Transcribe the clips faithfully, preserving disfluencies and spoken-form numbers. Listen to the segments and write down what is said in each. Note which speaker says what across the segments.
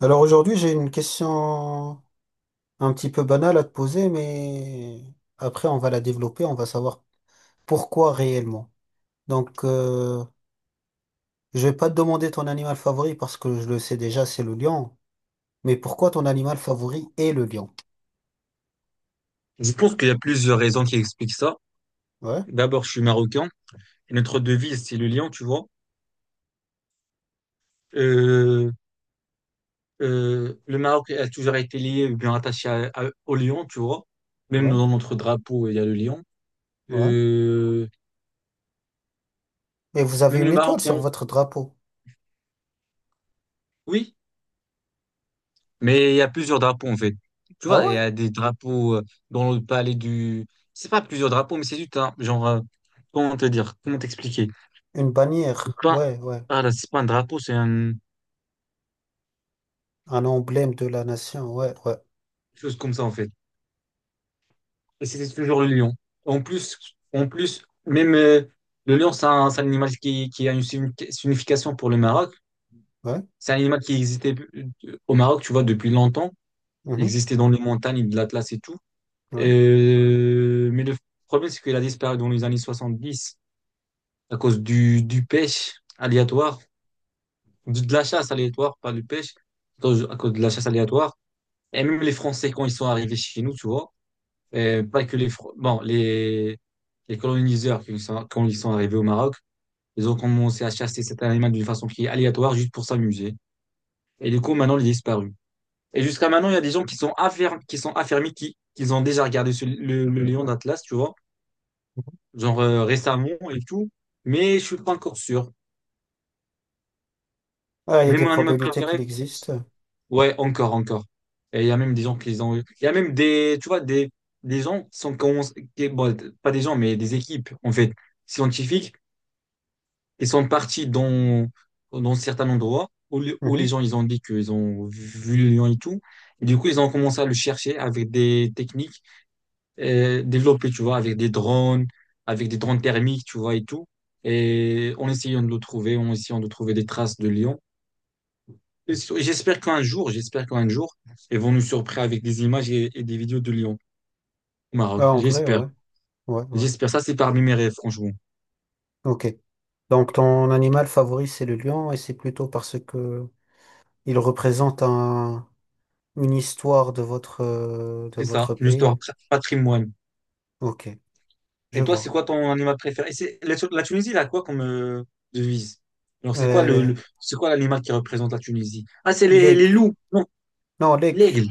Speaker 1: Alors aujourd'hui, j'ai une question un petit peu banale à te poser, mais après, on va la développer, on va savoir pourquoi réellement. Donc, euh, je vais pas te demander ton animal favori parce que je le sais déjà, c'est le lion. Mais pourquoi ton animal favori est le lion?
Speaker 2: Je pense qu'il y a plusieurs raisons qui expliquent ça.
Speaker 1: Ouais,
Speaker 2: D'abord, je suis marocain. Et notre devise, c'est le lion, tu vois. Euh, euh, le Maroc a toujours été lié, ou bien attaché à- à- au lion, tu vois. Même
Speaker 1: ouais,
Speaker 2: dans notre drapeau, il y a le lion.
Speaker 1: ouais.
Speaker 2: Euh,
Speaker 1: Et vous avez
Speaker 2: même
Speaker 1: une
Speaker 2: le
Speaker 1: étoile
Speaker 2: Maroc,
Speaker 1: sur
Speaker 2: on-
Speaker 1: votre drapeau.
Speaker 2: oui. Mais il y a plusieurs drapeaux, en fait. Tu
Speaker 1: Ah
Speaker 2: vois, il y
Speaker 1: ouais?
Speaker 2: a des drapeaux euh, dans le palais du... C'est pas plusieurs drapeaux, mais c'est juste un... Genre, euh, comment te dire? Comment t'expliquer?
Speaker 1: Une
Speaker 2: C'est
Speaker 1: bannière.
Speaker 2: pas...
Speaker 1: Ouais, ouais.
Speaker 2: Ah là, c'est pas un drapeau, c'est un- une
Speaker 1: Un emblème de la nation. Ouais, ouais,
Speaker 2: chose comme ça, en fait. Et c'était toujours le lion. En plus, en plus, même euh, le lion, c'est un, c'est un animal qui, qui a une signifi- signification pour le Maroc.
Speaker 1: ouais.
Speaker 2: C'est un animal qui existait euh, au Maroc, tu vois, depuis longtemps. Il
Speaker 1: Mhm,
Speaker 2: existait dans les montagnes de l'Atlas et tout.
Speaker 1: ouais.
Speaker 2: Euh, Mais le problème, c'est qu'il a disparu dans les années soixante-dix, à cause du, du pêche aléatoire, du- de la chasse aléatoire, pas du pêche, à cause, à cause de la chasse aléatoire. Et même les Français, quand ils sont arrivés chez nous, tu vois, euh, pas que les, Fr- bon, les, les coloniseurs, qui sont- quand ils sont arrivés au Maroc, ils ont commencé à chasser cet animal d'une façon qui est aléatoire, juste pour s'amuser. Et du coup, maintenant, il est disparu. Et jusqu'à maintenant, il y a des gens qui sont affermis, qui sont affermis, qui, qui ont déjà regardé ce- le, le lion d'Atlas, tu vois, genre euh, récemment et tout. Mais je suis pas encore sûr.
Speaker 1: Ah, il y a
Speaker 2: Mais
Speaker 1: des
Speaker 2: mon animal
Speaker 1: probabilités qu'il
Speaker 2: préféré.
Speaker 1: existe.
Speaker 2: Ouais, encore, encore. Et il y a même des gens qui les ont eu. Il y a même des, tu vois, des, des, gens qui sont, qui ont- qui- bon, pas des gens, mais des équipes, en fait, scientifiques, qui sont partis dans, dans certains endroits où, le- où les
Speaker 1: Mhm.
Speaker 2: gens, ils ont dit qu'ils ont vu le lion et tout. Et du coup, ils ont commencé à le chercher avec des techniques euh, développées, tu vois, avec des drones, avec des drones thermiques, tu vois, et tout. Et en essayant de le trouver, en essayant de trouver des traces de lion. Et sur- J'espère qu'un jour, j'espère qu'un jour, ils vont nous surprendre avec des images et, et des vidéos de Lyon au Maroc.
Speaker 1: Ah, en vrai,
Speaker 2: J'espère.
Speaker 1: ouais, ouais, ouais.
Speaker 2: J'espère. Ça, c'est parmi mes rêves, franchement.
Speaker 1: Ok. Donc ton animal favori, c'est le lion, et c'est plutôt parce que il représente un, une histoire de votre, euh, de
Speaker 2: C'est ça,
Speaker 1: votre
Speaker 2: l'histoire,
Speaker 1: pays.
Speaker 2: tra- patrimoine.
Speaker 1: Ok, je
Speaker 2: Et toi, c'est
Speaker 1: vois.
Speaker 2: quoi ton animal préféré? Et c'est- La, Tu- la Tunisie, elle a quoi comme euh, devise? Alors, c'est quoi le,
Speaker 1: Euh,
Speaker 2: le- c'est quoi l'animal qui représente la Tunisie? Ah, c'est les, les
Speaker 1: L'aigle.
Speaker 2: loups. Non,
Speaker 1: Non, l'aigle.
Speaker 2: l'aigle.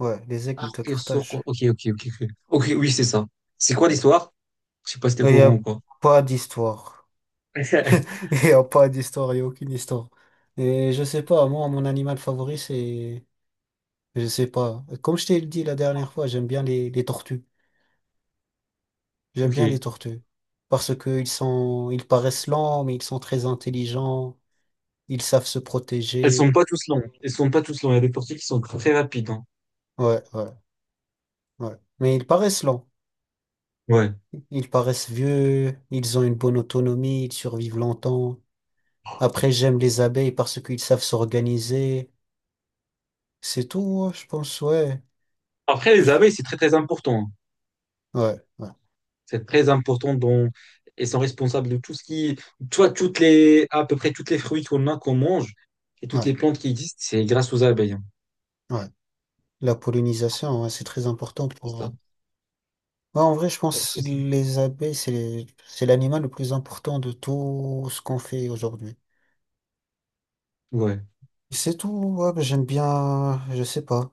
Speaker 1: Ouais, les
Speaker 2: Ah,
Speaker 1: aigles de
Speaker 2: ok, so-
Speaker 1: Carthage.
Speaker 2: ok, ok, ok. Ok, ok, oui, c'est ça. C'est quoi l'histoire? Je sais pas si t'es
Speaker 1: Il
Speaker 2: au
Speaker 1: n'y
Speaker 2: courant
Speaker 1: a
Speaker 2: ou pas.
Speaker 1: pas d'histoire. Il n'y a pas d'histoire, il n'y a aucune histoire. Et je sais pas, moi, mon animal favori, c'est... Je sais pas. Comme je t'ai dit la dernière fois, j'aime bien les, les tortues. J'aime bien les
Speaker 2: Ok.
Speaker 1: tortues. Parce qu'ils sont... Ils paraissent lents, mais ils sont très intelligents. Ils savent se
Speaker 2: Elles sont
Speaker 1: protéger.
Speaker 2: pas tous longues. Elles sont pas tous longues. Il y a des portiers qui sont très rapides. hein.
Speaker 1: Ouais, ouais, ouais. Mais ils paraissent lents.
Speaker 2: Ouais.
Speaker 1: Ils paraissent vieux. Ils ont une bonne autonomie. Ils survivent longtemps. Après, j'aime les abeilles parce qu'ils savent s'organiser. C'est tout, hein, je pense, ouais.
Speaker 2: Après, les abeilles, c'est très, très important.
Speaker 1: Ouais, ouais,
Speaker 2: C'est très important, dont Elles sont responsables de tout ce qui... Toi, toutes les... à peu près toutes les fruits qu'on a, qu'on mange, et toutes
Speaker 1: ouais,
Speaker 2: les plantes qui existent, c'est grâce aux abeilles. hein.
Speaker 1: ouais. La pollinisation, ouais, c'est très important
Speaker 2: C'est
Speaker 1: pour... euh,
Speaker 2: ça.
Speaker 1: ouais, en vrai, je
Speaker 2: Ouais,
Speaker 1: pense que
Speaker 2: c'est ça.
Speaker 1: les abeilles, c'est les- c'est l'animal le plus important de tout ce qu'on fait aujourd'hui.
Speaker 2: Ouais.
Speaker 1: C'est tout, ouais, bah, j'aime bien, je sais pas.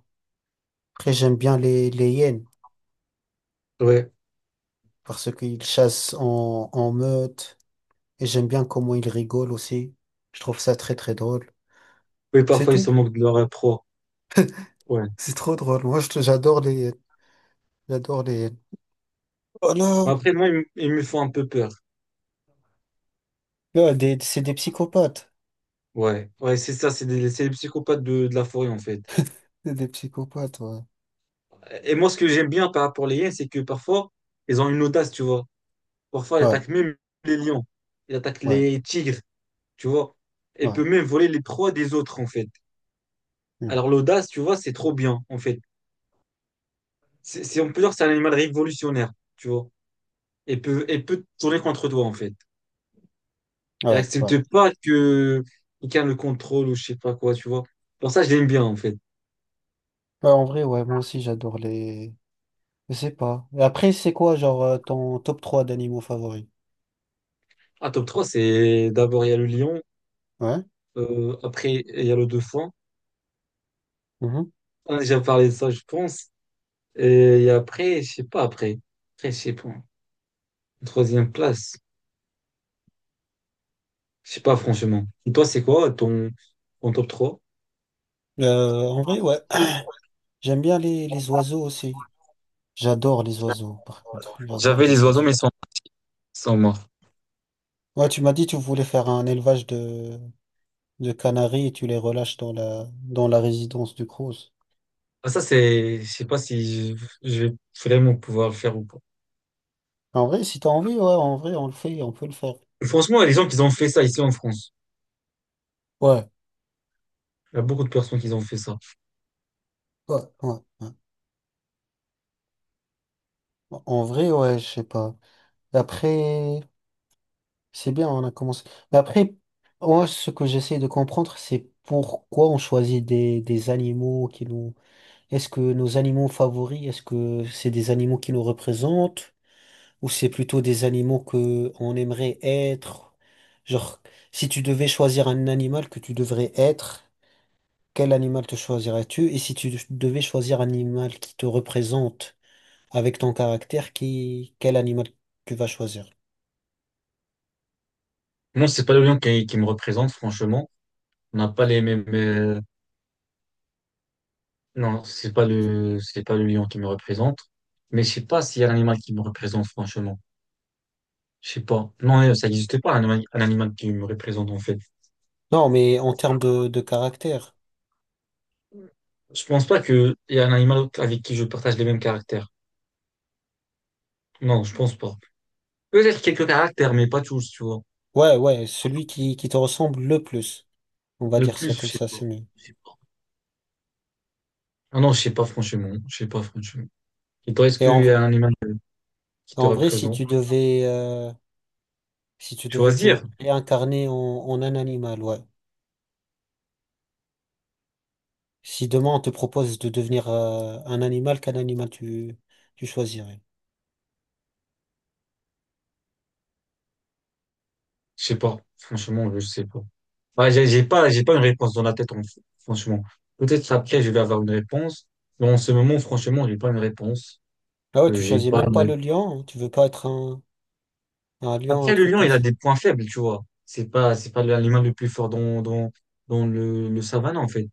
Speaker 1: Après, j'aime bien les, les hyènes,
Speaker 2: Ouais.
Speaker 1: parce qu'ils chassent en, en meute et j'aime bien comment ils rigolent aussi. Je trouve ça très très drôle.
Speaker 2: Oui,
Speaker 1: C'est
Speaker 2: parfois, ils se
Speaker 1: tout.
Speaker 2: moquent de leur euh, proie. Ouais.
Speaker 1: C'est trop drôle. Moi, je- j'adore les, j'adore les. Oh
Speaker 2: Mais
Speaker 1: non
Speaker 2: Après, moi, ils, me ils me font un peu peur.
Speaker 1: là, des- c'est des psychopathes.
Speaker 2: Ouais. Ouais, c'est ça. C'est des- c'est les psychopathes de, de la forêt, en fait.
Speaker 1: C'est des psychopathes, ouais.
Speaker 2: Et moi, ce que j'aime bien par rapport aux lions, c'est que parfois, ils ont une audace, tu vois. Parfois, ils
Speaker 1: Ouais,
Speaker 2: attaquent même les lions. Ils attaquent
Speaker 1: ouais,
Speaker 2: les tigres, tu vois. Elle
Speaker 1: ouais.
Speaker 2: peut même voler les proies des autres, en fait.
Speaker 1: Hmm,
Speaker 2: Alors l'audace, tu vois, c'est trop bien, en fait. C'est, c'est- on peut dire que c'est un animal révolutionnaire, tu vois. Elle peut, elle peut tourner contre toi, en fait. Elle
Speaker 1: ouais, ouais.
Speaker 2: accepte pas que quelqu'un le contrôle ou je sais pas quoi, tu vois. Pour ça, je l'aime bien, en fait.
Speaker 1: Ouais, en vrai, ouais, moi aussi, j'adore les. Je sais pas. Et après, c'est quoi, genre, euh, ton top trois d'animaux favoris?
Speaker 2: À top trois, c'est d'abord, il y a le lion.
Speaker 1: Ouais.
Speaker 2: euh, après, il y a le dauphin.
Speaker 1: Mhm.
Speaker 2: On a déjà parlé de ça, je pense. Et, et après, je sais pas, après. Après, je sais pas. Troisième place. Je sais pas, franchement. Et toi, c'est quoi ton, ton, top trois?
Speaker 1: Euh, en vrai, ouais. J'aime bien les, les oiseaux aussi. J'adore les oiseaux, par contre. J'adore
Speaker 2: J'avais
Speaker 1: les
Speaker 2: les oiseaux,
Speaker 1: oiseaux.
Speaker 2: mais ils sont, ils sont morts.
Speaker 1: Ouais, tu m'as dit tu voulais faire un élevage de, de canaries et tu les relâches dans la, dans la résidence du Crous.
Speaker 2: Ah, ça, c'est, je sais pas si je, je vais vraiment pouvoir le faire ou pas.
Speaker 1: En vrai, si t'as envie, ouais, en vrai, on le fait, on peut le faire.
Speaker 2: Franchement, les gens qui ont fait ça ici en France,
Speaker 1: Ouais,
Speaker 2: il y a beaucoup de personnes qui ont fait ça.
Speaker 1: ouais, ouais, ouais. En vrai, ouais, je sais pas. Après, c'est bien, on a commencé. Mais après, moi, ce que j'essaie de comprendre, c'est pourquoi on choisit des, des animaux qui nous... Est-ce que nos animaux favoris, est-ce que c'est des animaux qui nous représentent? Ou c'est plutôt des animaux que on aimerait être? Genre, si tu devais choisir un animal que tu devrais être, quel animal te choisirais-tu? Et si tu devais choisir un animal qui te représente avec ton caractère, qui, quel animal tu vas choisir?
Speaker 2: Non, c'est pas le lion qui, qui me représente, franchement. On n'a pas les mêmes, euh, non, c'est pas le, c'est pas le lion qui me représente. Mais je sais pas s'il y a un animal qui me représente, franchement. Je sais pas. Non, euh, ça n'existe pas, un animal, un animal qui me représente, en fait.
Speaker 1: Non, mais en termes de, de caractère.
Speaker 2: Je pense pas qu'il y a un animal avec qui je partage les mêmes caractères. Non, je pense pas. Peut-être quelques caractères, mais pas tous, tu vois.
Speaker 1: Ouais, ouais, celui qui, qui te ressemble le plus. On va
Speaker 2: Le
Speaker 1: dire
Speaker 2: plus,
Speaker 1: ça
Speaker 2: je
Speaker 1: comme
Speaker 2: sais
Speaker 1: ça, c'est
Speaker 2: pas.
Speaker 1: mieux.
Speaker 2: Je sais pas. Ah non, je sais pas franchement. Je sais pas franchement. Et toi, est-ce
Speaker 1: Et en,
Speaker 2: qu'il y
Speaker 1: v-
Speaker 2: a un animal qui te
Speaker 1: En vrai, si
Speaker 2: représente?
Speaker 1: tu devais, euh, si tu devais te
Speaker 2: Choisir?
Speaker 1: réincarner en, en un animal, ouais. Si demain on te propose de devenir euh, un animal, quel animal tu, tu choisirais?
Speaker 2: Je sais pas. Franchement, je sais pas. Bah, j'ai j'ai pas, j'ai pas, une réponse dans la tête, en- franchement. Peut-être après, je vais avoir une réponse. Mais en ce moment, franchement, j'ai pas une réponse.
Speaker 1: Ah ouais,
Speaker 2: Euh,
Speaker 1: tu
Speaker 2: j'ai
Speaker 1: choisis
Speaker 2: pas
Speaker 1: même
Speaker 2: une
Speaker 1: pas
Speaker 2: ré-.
Speaker 1: le lion, hein. Tu veux pas être un, un lion, un
Speaker 2: Après, le
Speaker 1: truc
Speaker 2: lion,
Speaker 1: comme
Speaker 2: il a
Speaker 1: ça.
Speaker 2: des points faibles, tu vois. C'est pas, c'est pas l'animal le plus fort dans, dans, dans le, le savane, en fait.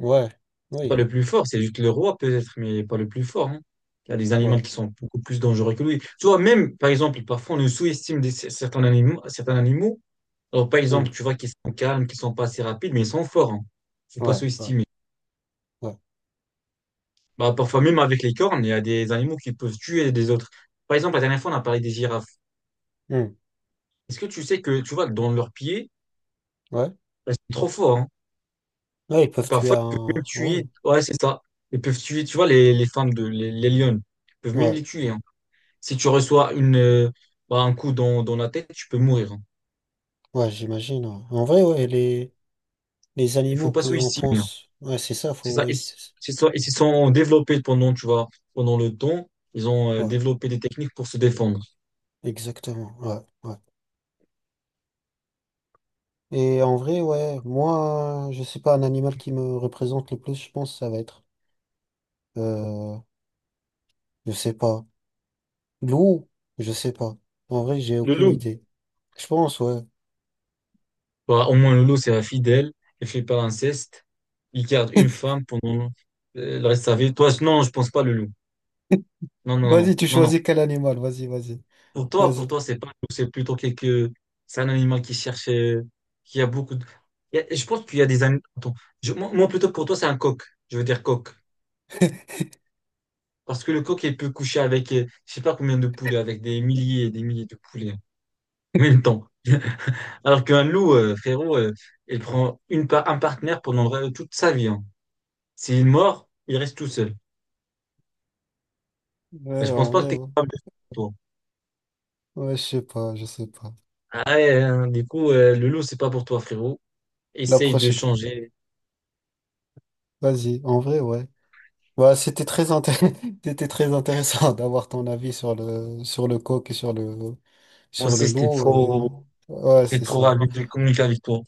Speaker 1: Ouais, oui,
Speaker 2: Pas le plus fort, c'est juste le roi peut-être, mais pas le plus fort. hein. Il y a des animaux
Speaker 1: ouais,
Speaker 2: qui sont beaucoup plus dangereux que lui. Tu vois, même, par exemple, parfois on nous sous-estime des- certains animaux, certains animaux. Alors, par
Speaker 1: hmm,
Speaker 2: exemple, tu vois qu'ils sont calmes, qu'ils sont pas assez rapides, mais ils sont forts. Hein. Faut pas
Speaker 1: ouais, ouais,
Speaker 2: sous-estimer.
Speaker 1: ouais,
Speaker 2: Bah, parfois, même avec les cornes, il y a des animaux qui peuvent tuer des autres. Par exemple, la dernière fois, on a parlé des girafes.
Speaker 1: hmm,
Speaker 2: Est-ce que tu sais que, tu vois, dans leurs pieds,
Speaker 1: ouais.
Speaker 2: elles sont trop forts. hein.
Speaker 1: Ouais, ils peuvent tuer
Speaker 2: Parfois, ils peuvent même
Speaker 1: un. Ouais,
Speaker 2: tuer. Ouais, c'est ça. Ils peuvent tuer, tu vois, les, les femmes de, les, les lionnes. Ils peuvent même
Speaker 1: ouais,
Speaker 2: les tuer. hein. Si tu reçois une, euh, bah, un coup dans, dans la tête, tu peux mourir. hein.
Speaker 1: ouais, j'imagine. Ouais. En vrai, ouais, les, les
Speaker 2: Il faut
Speaker 1: animaux
Speaker 2: pas
Speaker 1: qu'on
Speaker 2: sous-estimer. hein.
Speaker 1: pense. Ouais, c'est ça,
Speaker 2: C'est
Speaker 1: faut.
Speaker 2: ça.
Speaker 1: Oui,
Speaker 2: Ils,
Speaker 1: c'est ça.
Speaker 2: c'est ça. Ils se sont développés pendant, tu vois, pendant le temps. Ils ont euh,
Speaker 1: Ouais,
Speaker 2: développé des techniques pour se défendre.
Speaker 1: exactement. Ouais, ouais. Et en vrai, ouais, moi, je sais pas, un animal qui me représente le plus, je pense, ça va être. euh, Je sais pas. Loup, je sais pas. En vrai, j'ai
Speaker 2: Le
Speaker 1: aucune
Speaker 2: loup,
Speaker 1: idée. Je pense, ouais.
Speaker 2: bah, au moins le loup, c'est fidèle. Il fait pas l'inceste. Il garde une femme pendant euh, le reste de sa vie. Toi, non, je pense pas le loup. Non, non,
Speaker 1: Vas-y,
Speaker 2: non,
Speaker 1: tu
Speaker 2: non, non.
Speaker 1: choisis quel animal. Vas-y, vas-y.
Speaker 2: Pour toi, pour
Speaker 1: Vas-y.
Speaker 2: toi, c'est pas un loup, c'est plutôt quelque, c'est un animal qui cherche, euh, qui a beaucoup de, il y a- je pense qu'il y a des animaux, attends, je- moi, moi, plutôt pour toi, c'est un coq, je veux dire coq. Parce que le coq, il peut coucher avec, euh, je sais pas combien de poulets, avec des milliers et des milliers de poulets, hein, en même temps. Alors qu'un loup, euh, frérot, euh, il prend une par- un partenaire pendant le- toute sa vie, hein. S'il mord, il reste tout seul.
Speaker 1: Ouais,
Speaker 2: Je pense
Speaker 1: en
Speaker 2: pas que
Speaker 1: vrai,
Speaker 2: t'es
Speaker 1: ouais.
Speaker 2: capable de faire, toi.
Speaker 1: Ouais, je sais pas, je sais pas.
Speaker 2: Ah ouais, hein, du coup, euh, le loup, c'est pas pour toi, frérot.
Speaker 1: La
Speaker 2: Essaye de
Speaker 1: prochaine.
Speaker 2: changer.
Speaker 1: Vas-y, en vrai, ouais. Bah, c'était très intéressant, c'était très intéressant d'avoir ton avis sur le, sur le coq et sur le,
Speaker 2: Moi
Speaker 1: sur
Speaker 2: aussi,
Speaker 1: le
Speaker 2: c'était
Speaker 1: loup et,
Speaker 2: trop.
Speaker 1: ouais,
Speaker 2: et
Speaker 1: c'est
Speaker 2: pour
Speaker 1: ça.
Speaker 2: avec, communiquer avec toi.